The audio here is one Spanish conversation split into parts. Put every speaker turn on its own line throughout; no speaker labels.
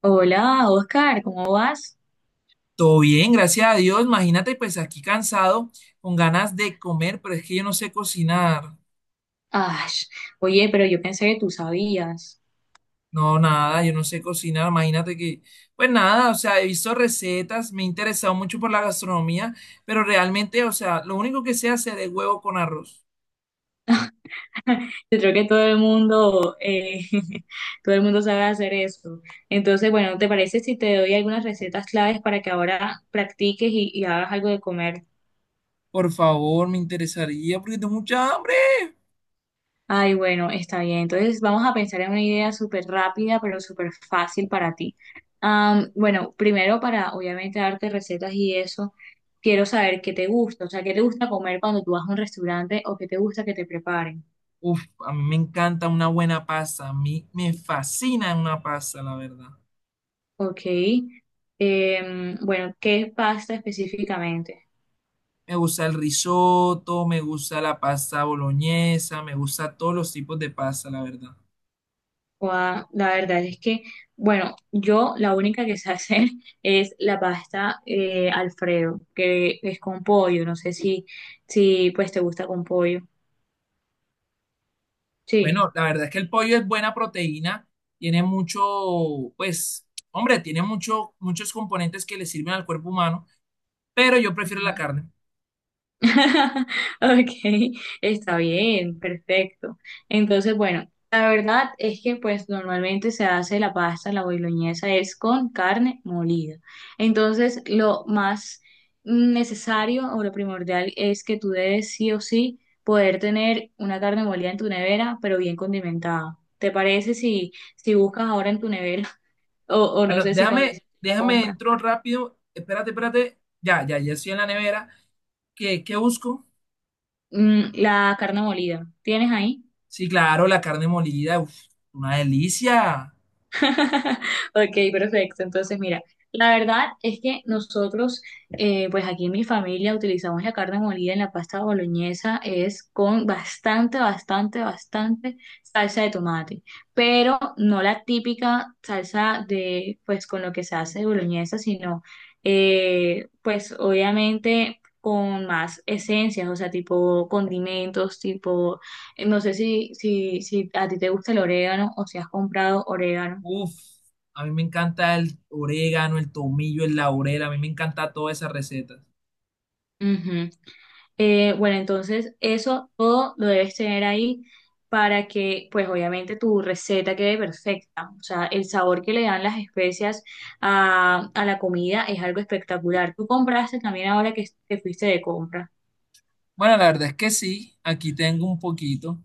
Hola, Oscar, ¿cómo vas?
Todo bien, gracias a Dios. Imagínate, pues aquí cansado, con ganas de comer, pero es que yo no sé cocinar.
Ay, oye, pero yo pensé que tú sabías.
No, nada, yo no sé cocinar. Imagínate que, pues nada, o sea, he visto recetas, me he interesado mucho por la gastronomía, pero realmente, o sea, lo único que sé hacer es huevo con arroz.
Yo creo que todo el mundo, todo el mundo sabe hacer eso. Entonces, bueno, ¿te parece si te doy algunas recetas claves para que ahora practiques y hagas algo de comer?
Por favor, me interesaría porque tengo mucha hambre.
Ay, bueno, está bien. Entonces vamos a pensar en una idea súper rápida, pero súper fácil para ti. Bueno, primero para obviamente darte recetas y eso, quiero saber qué te gusta, o sea, qué te gusta comer cuando tú vas a un restaurante o qué te gusta que te preparen.
Uf, a mí me encanta una buena pasta, a mí me fascina una pasta, la verdad.
Ok. Bueno, ¿qué pasta específicamente?
Me gusta el risotto, me gusta la pasta boloñesa, me gusta todos los tipos de pasta, la verdad.
La verdad es que, bueno, yo la única que sé hacer es la pasta Alfredo, que es con pollo. No sé si pues te gusta con pollo. Sí.
Bueno, la verdad es que el pollo es buena proteína, tiene mucho, pues, hombre, tiene mucho, muchos componentes que le sirven al cuerpo humano, pero yo prefiero la
Ujú.
carne.
Ok, está bien, perfecto. Entonces, bueno, la verdad es que pues normalmente se hace la pasta, la boloñesa es con carne molida. Entonces, lo más necesario o lo primordial es que tú debes sí o sí poder tener una carne molida en tu nevera, pero bien condimentada. ¿Te parece si buscas ahora en tu nevera o, o no
Bueno,
sé si cuando
déjame,
hiciste la
déjame
compra,
entro rápido. Espérate, espérate. Ya, ya, ya estoy en la nevera. ¿Qué, qué busco?
¿la carne molida? ¿Tienes ahí?
Sí, claro, la carne molida, uf, una delicia.
Ok, perfecto. Entonces, mira, la verdad es que nosotros, pues aquí en mi familia utilizamos la carne molida en la pasta boloñesa, es con bastante, bastante, bastante salsa de tomate, pero no la típica salsa de, pues con lo que se hace de boloñesa, sino, pues obviamente con más esencias, o sea, tipo condimentos, tipo, no sé si a ti te gusta el orégano o si has comprado orégano.
Uf, a mí me encanta el orégano, el tomillo, el laurel, a mí me encanta todas esas recetas.
Ujú. Bueno, entonces eso todo lo debes tener ahí para que, pues obviamente tu receta quede perfecta. O sea, el sabor que le dan las especias a la comida es algo espectacular. Tú compraste también ahora que te fuiste de compra.
Bueno, la verdad es que sí, aquí tengo un poquito.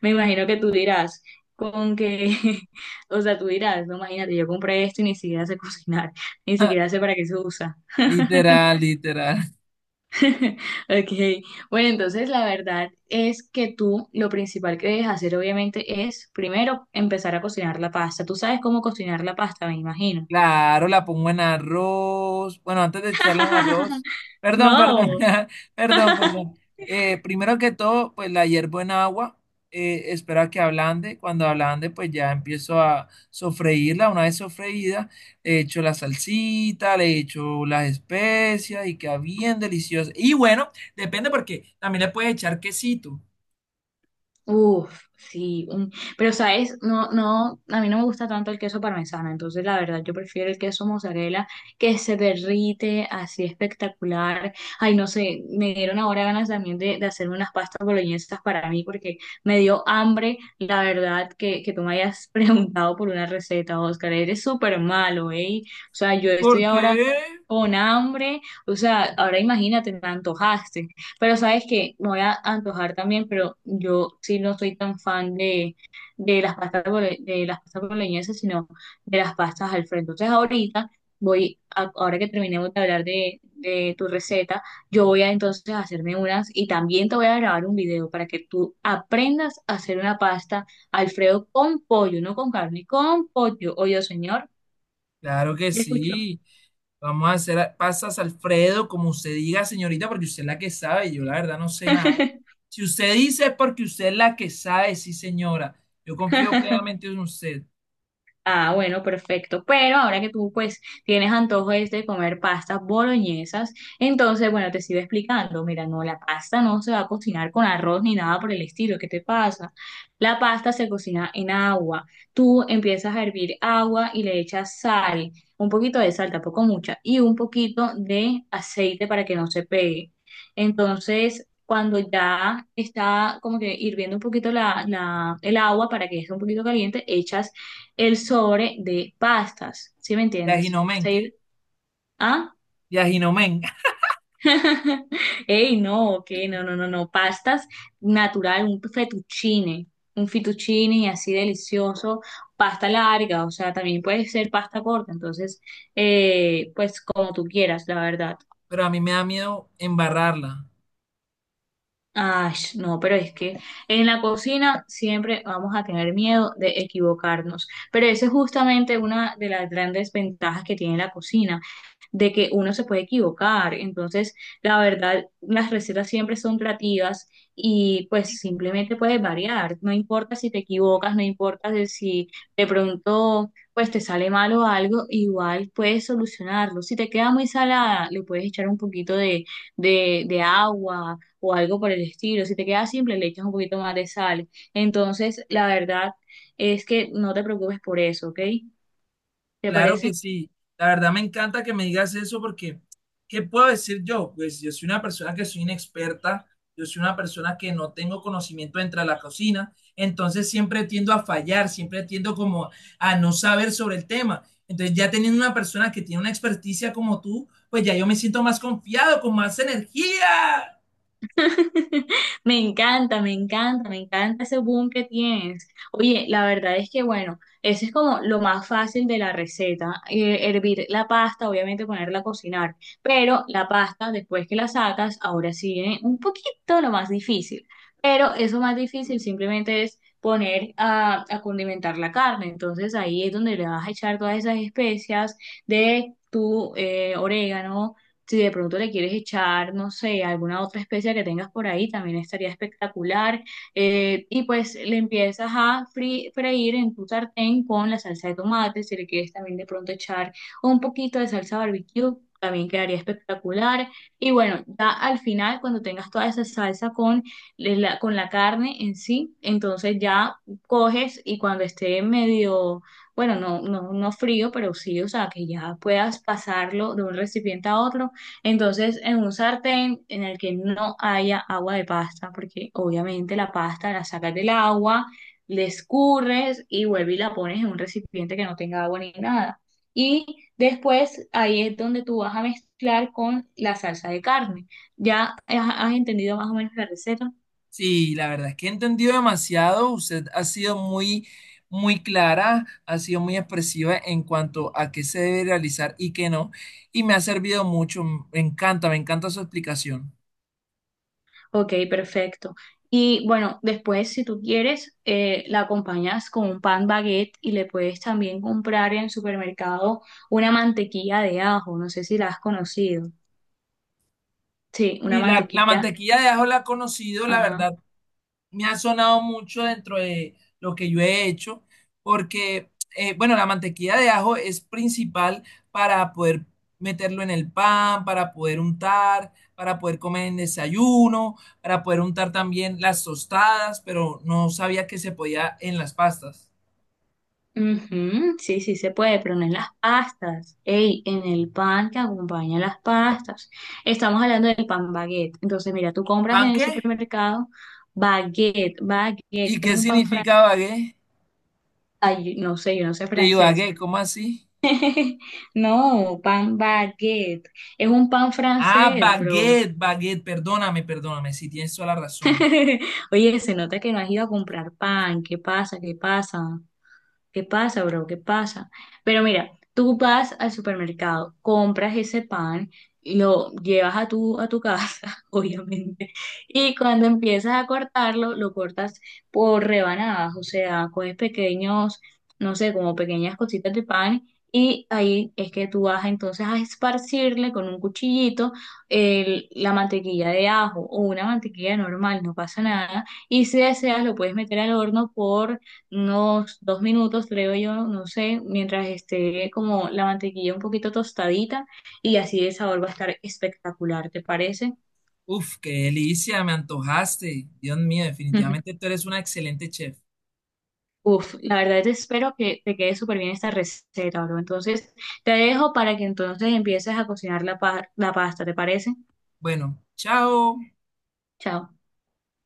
Me imagino que tú dirás, con que, o sea, tú dirás, no, imagínate, yo compré esto y ni siquiera sé cocinar, ni siquiera sé para qué se usa.
Literal, literal.
Ok, bueno, entonces la verdad es que tú lo principal que debes hacer obviamente es primero empezar a cocinar la pasta. Tú sabes cómo cocinar la pasta, me imagino.
Claro, la pongo en arroz. Bueno, antes de echarla en arroz. Perdón, perdón,
No.
perdón, perdón. Primero que todo, pues la hiervo en agua. Espero a que ablande. Cuando ablande, pues ya empiezo a sofreírla. Una vez sofreída, le echo la salsita, le echo las especias y queda bien deliciosa. Y bueno, depende porque también le puedes echar quesito.
Uf, sí, un- pero sabes, no, no, a mí no me gusta tanto el queso parmesano, entonces la verdad yo prefiero el queso mozzarella que se derrite así espectacular. Ay, no sé, me dieron ahora ganas también de hacerme unas pastas boloñesas para mí porque me dio hambre, la verdad, que tú me hayas preguntado por una receta, Oscar, eres súper malo, ¿eh? O sea,
¿Y
yo estoy
por
ahora
qué?
con hambre, o sea, ahora imagínate, me antojaste. Pero sabes que me voy a antojar también, pero yo sí no soy tan fan de las pastas bole- de las pastas boloñesas, sino de las pastas Alfredo. Entonces ahorita voy, ahora que terminemos de hablar de tu receta, yo voy a entonces hacerme unas y también te voy a grabar un video para que tú aprendas a hacer una pasta Alfredo con pollo, no con carne, con pollo. Oye, señor,
Claro que
¿me escuchó?
sí. Vamos a hacer a- pasas, Alfredo, como usted diga, señorita, porque usted es la que sabe. Yo la verdad no sé nada. Si usted dice es porque usted es la que sabe, sí, señora. Yo confío plenamente en usted.
Ah, bueno, perfecto. Pero ahora que tú pues tienes antojo es de comer pastas boloñesas, entonces bueno, te sigo explicando. Mira, no, la pasta no se va a cocinar con arroz ni nada por el estilo. ¿Qué te pasa? La pasta se cocina en agua. Tú empiezas a hervir agua y le echas sal, un poquito de sal, tampoco mucha, y un poquito de aceite para que no se pegue. Entonces, cuando ya está como que hirviendo un poquito el agua para que esté un poquito caliente, echas el sobre de pastas, ¿sí me entiendes?
Yajinomen,
Hasta ahí,
¿qué?
¿ah?
Yajinomen.
Ey, no, que no, no, no, no, pastas natural, un fettuccine así delicioso, pasta larga, o sea, también puede ser pasta corta, entonces, pues como tú quieras, la verdad.
Pero a mí me da miedo embarrarla.
Ay, no, pero es que en la cocina siempre vamos a tener miedo de equivocarnos, pero esa es justamente una de las grandes ventajas que tiene la cocina de que uno se puede equivocar. Entonces, la verdad, las recetas siempre son creativas y pues simplemente puedes variar. No importa si te equivocas, no importa de si de pronto pues te sale mal o algo, igual puedes solucionarlo. Si te queda muy salada, le puedes echar un poquito de, de agua o algo por el estilo. Si te queda simple, le echas un poquito más de sal. Entonces, la verdad es que no te preocupes por eso, ¿ok? ¿Te
Claro que
parece?
sí. La verdad me encanta que me digas eso porque, ¿qué puedo decir yo? Pues yo soy una persona que soy inexperta, yo soy una persona que no tengo conocimiento dentro de la cocina, entonces siempre tiendo a fallar, siempre tiendo como a no saber sobre el tema. Entonces ya teniendo una persona que tiene una experticia como tú, pues ya yo me siento más confiado, con más energía.
Me encanta, me encanta, me encanta ese boom que tienes. Oye, la verdad es que, bueno, eso es como lo más fácil de la receta. Hervir la pasta, obviamente ponerla a cocinar, pero la pasta, después que la sacas, ahora sí viene un poquito lo más difícil. Pero eso más difícil simplemente es poner a condimentar la carne. Entonces ahí es donde le vas a echar todas esas especias de tu orégano si de pronto le quieres echar, no sé, alguna otra especia que tengas por ahí, también estaría espectacular. Y pues le empiezas a freír en tu sartén con la salsa de tomate. Si le quieres también de pronto echar un poquito de salsa barbecue, también quedaría espectacular. Y bueno, ya al final, cuando tengas toda esa salsa con con la carne en sí, entonces ya coges y cuando esté medio bueno, no, no, no frío, pero sí, o sea, que ya puedas pasarlo de un recipiente a otro, entonces, en un sartén en el que no haya agua de pasta, porque obviamente la pasta la sacas del agua, le escurres y vuelves y la pones en un recipiente que no tenga agua ni nada. Y después ahí es donde tú vas a mezclar con la salsa de carne. ¿Ya has entendido más o menos la receta?
Sí, la verdad es que he entendido demasiado. Usted ha sido muy, muy clara, ha sido muy expresiva en cuanto a qué se debe realizar y qué no. Y me ha servido mucho. Me encanta su explicación.
Ok, perfecto. Y bueno, después, si tú quieres, la acompañas con un pan baguette y le puedes también comprar en el supermercado una mantequilla de ajo. No sé si la has conocido. Sí, una
Y la
mantequilla.
mantequilla de ajo la he conocido, la
Ajá.
verdad, me ha sonado mucho dentro de lo que yo he hecho, porque, bueno, la mantequilla de ajo es principal para poder meterlo en el pan, para poder untar, para poder comer en desayuno, para poder untar también las tostadas, pero no sabía que se podía en las pastas.
Ujú, sí, sí se puede, pero no en las pastas. Ey, en el pan que acompaña las pastas. Estamos hablando del pan baguette. Entonces, mira, tú compras
¿Pan
en el
qué?
supermercado baguette, baguette.
¿Y
Es
qué
un pan francés.
significa bagué?
No sé, yo no sé
De
francés.
bagué, ¿cómo así?
No, pan baguette. Es un pan
Ah,
francés, bro.
baguette, baguette, perdóname, perdóname, si tienes toda la razón.
Oye, se nota que no has ido a comprar pan. ¿Qué pasa? ¿Qué pasa? ¿Qué pasa, bro? ¿Qué pasa? Pero mira, tú vas al supermercado, compras ese pan, lo llevas a tu casa, obviamente, y cuando empiezas a cortarlo, lo cortas por rebanadas, o sea, coges pequeños, no sé, como pequeñas cositas de pan, y ahí es que tú vas entonces a esparcirle con un cuchillito el- la mantequilla de ajo o una mantequilla normal, no pasa nada, y si deseas lo puedes meter al horno por unos dos minutos, creo yo, no sé, mientras esté como la mantequilla un poquito tostadita y así el sabor va a estar espectacular, ¿te parece?
Uf, qué delicia, me antojaste. Dios mío, definitivamente tú eres una excelente chef.
Uf, la verdad te espero que te quede súper bien esta receta, bro. Entonces te dejo para que entonces empieces a cocinar la pasta, ¿te parece?
Bueno, chao.
Chao.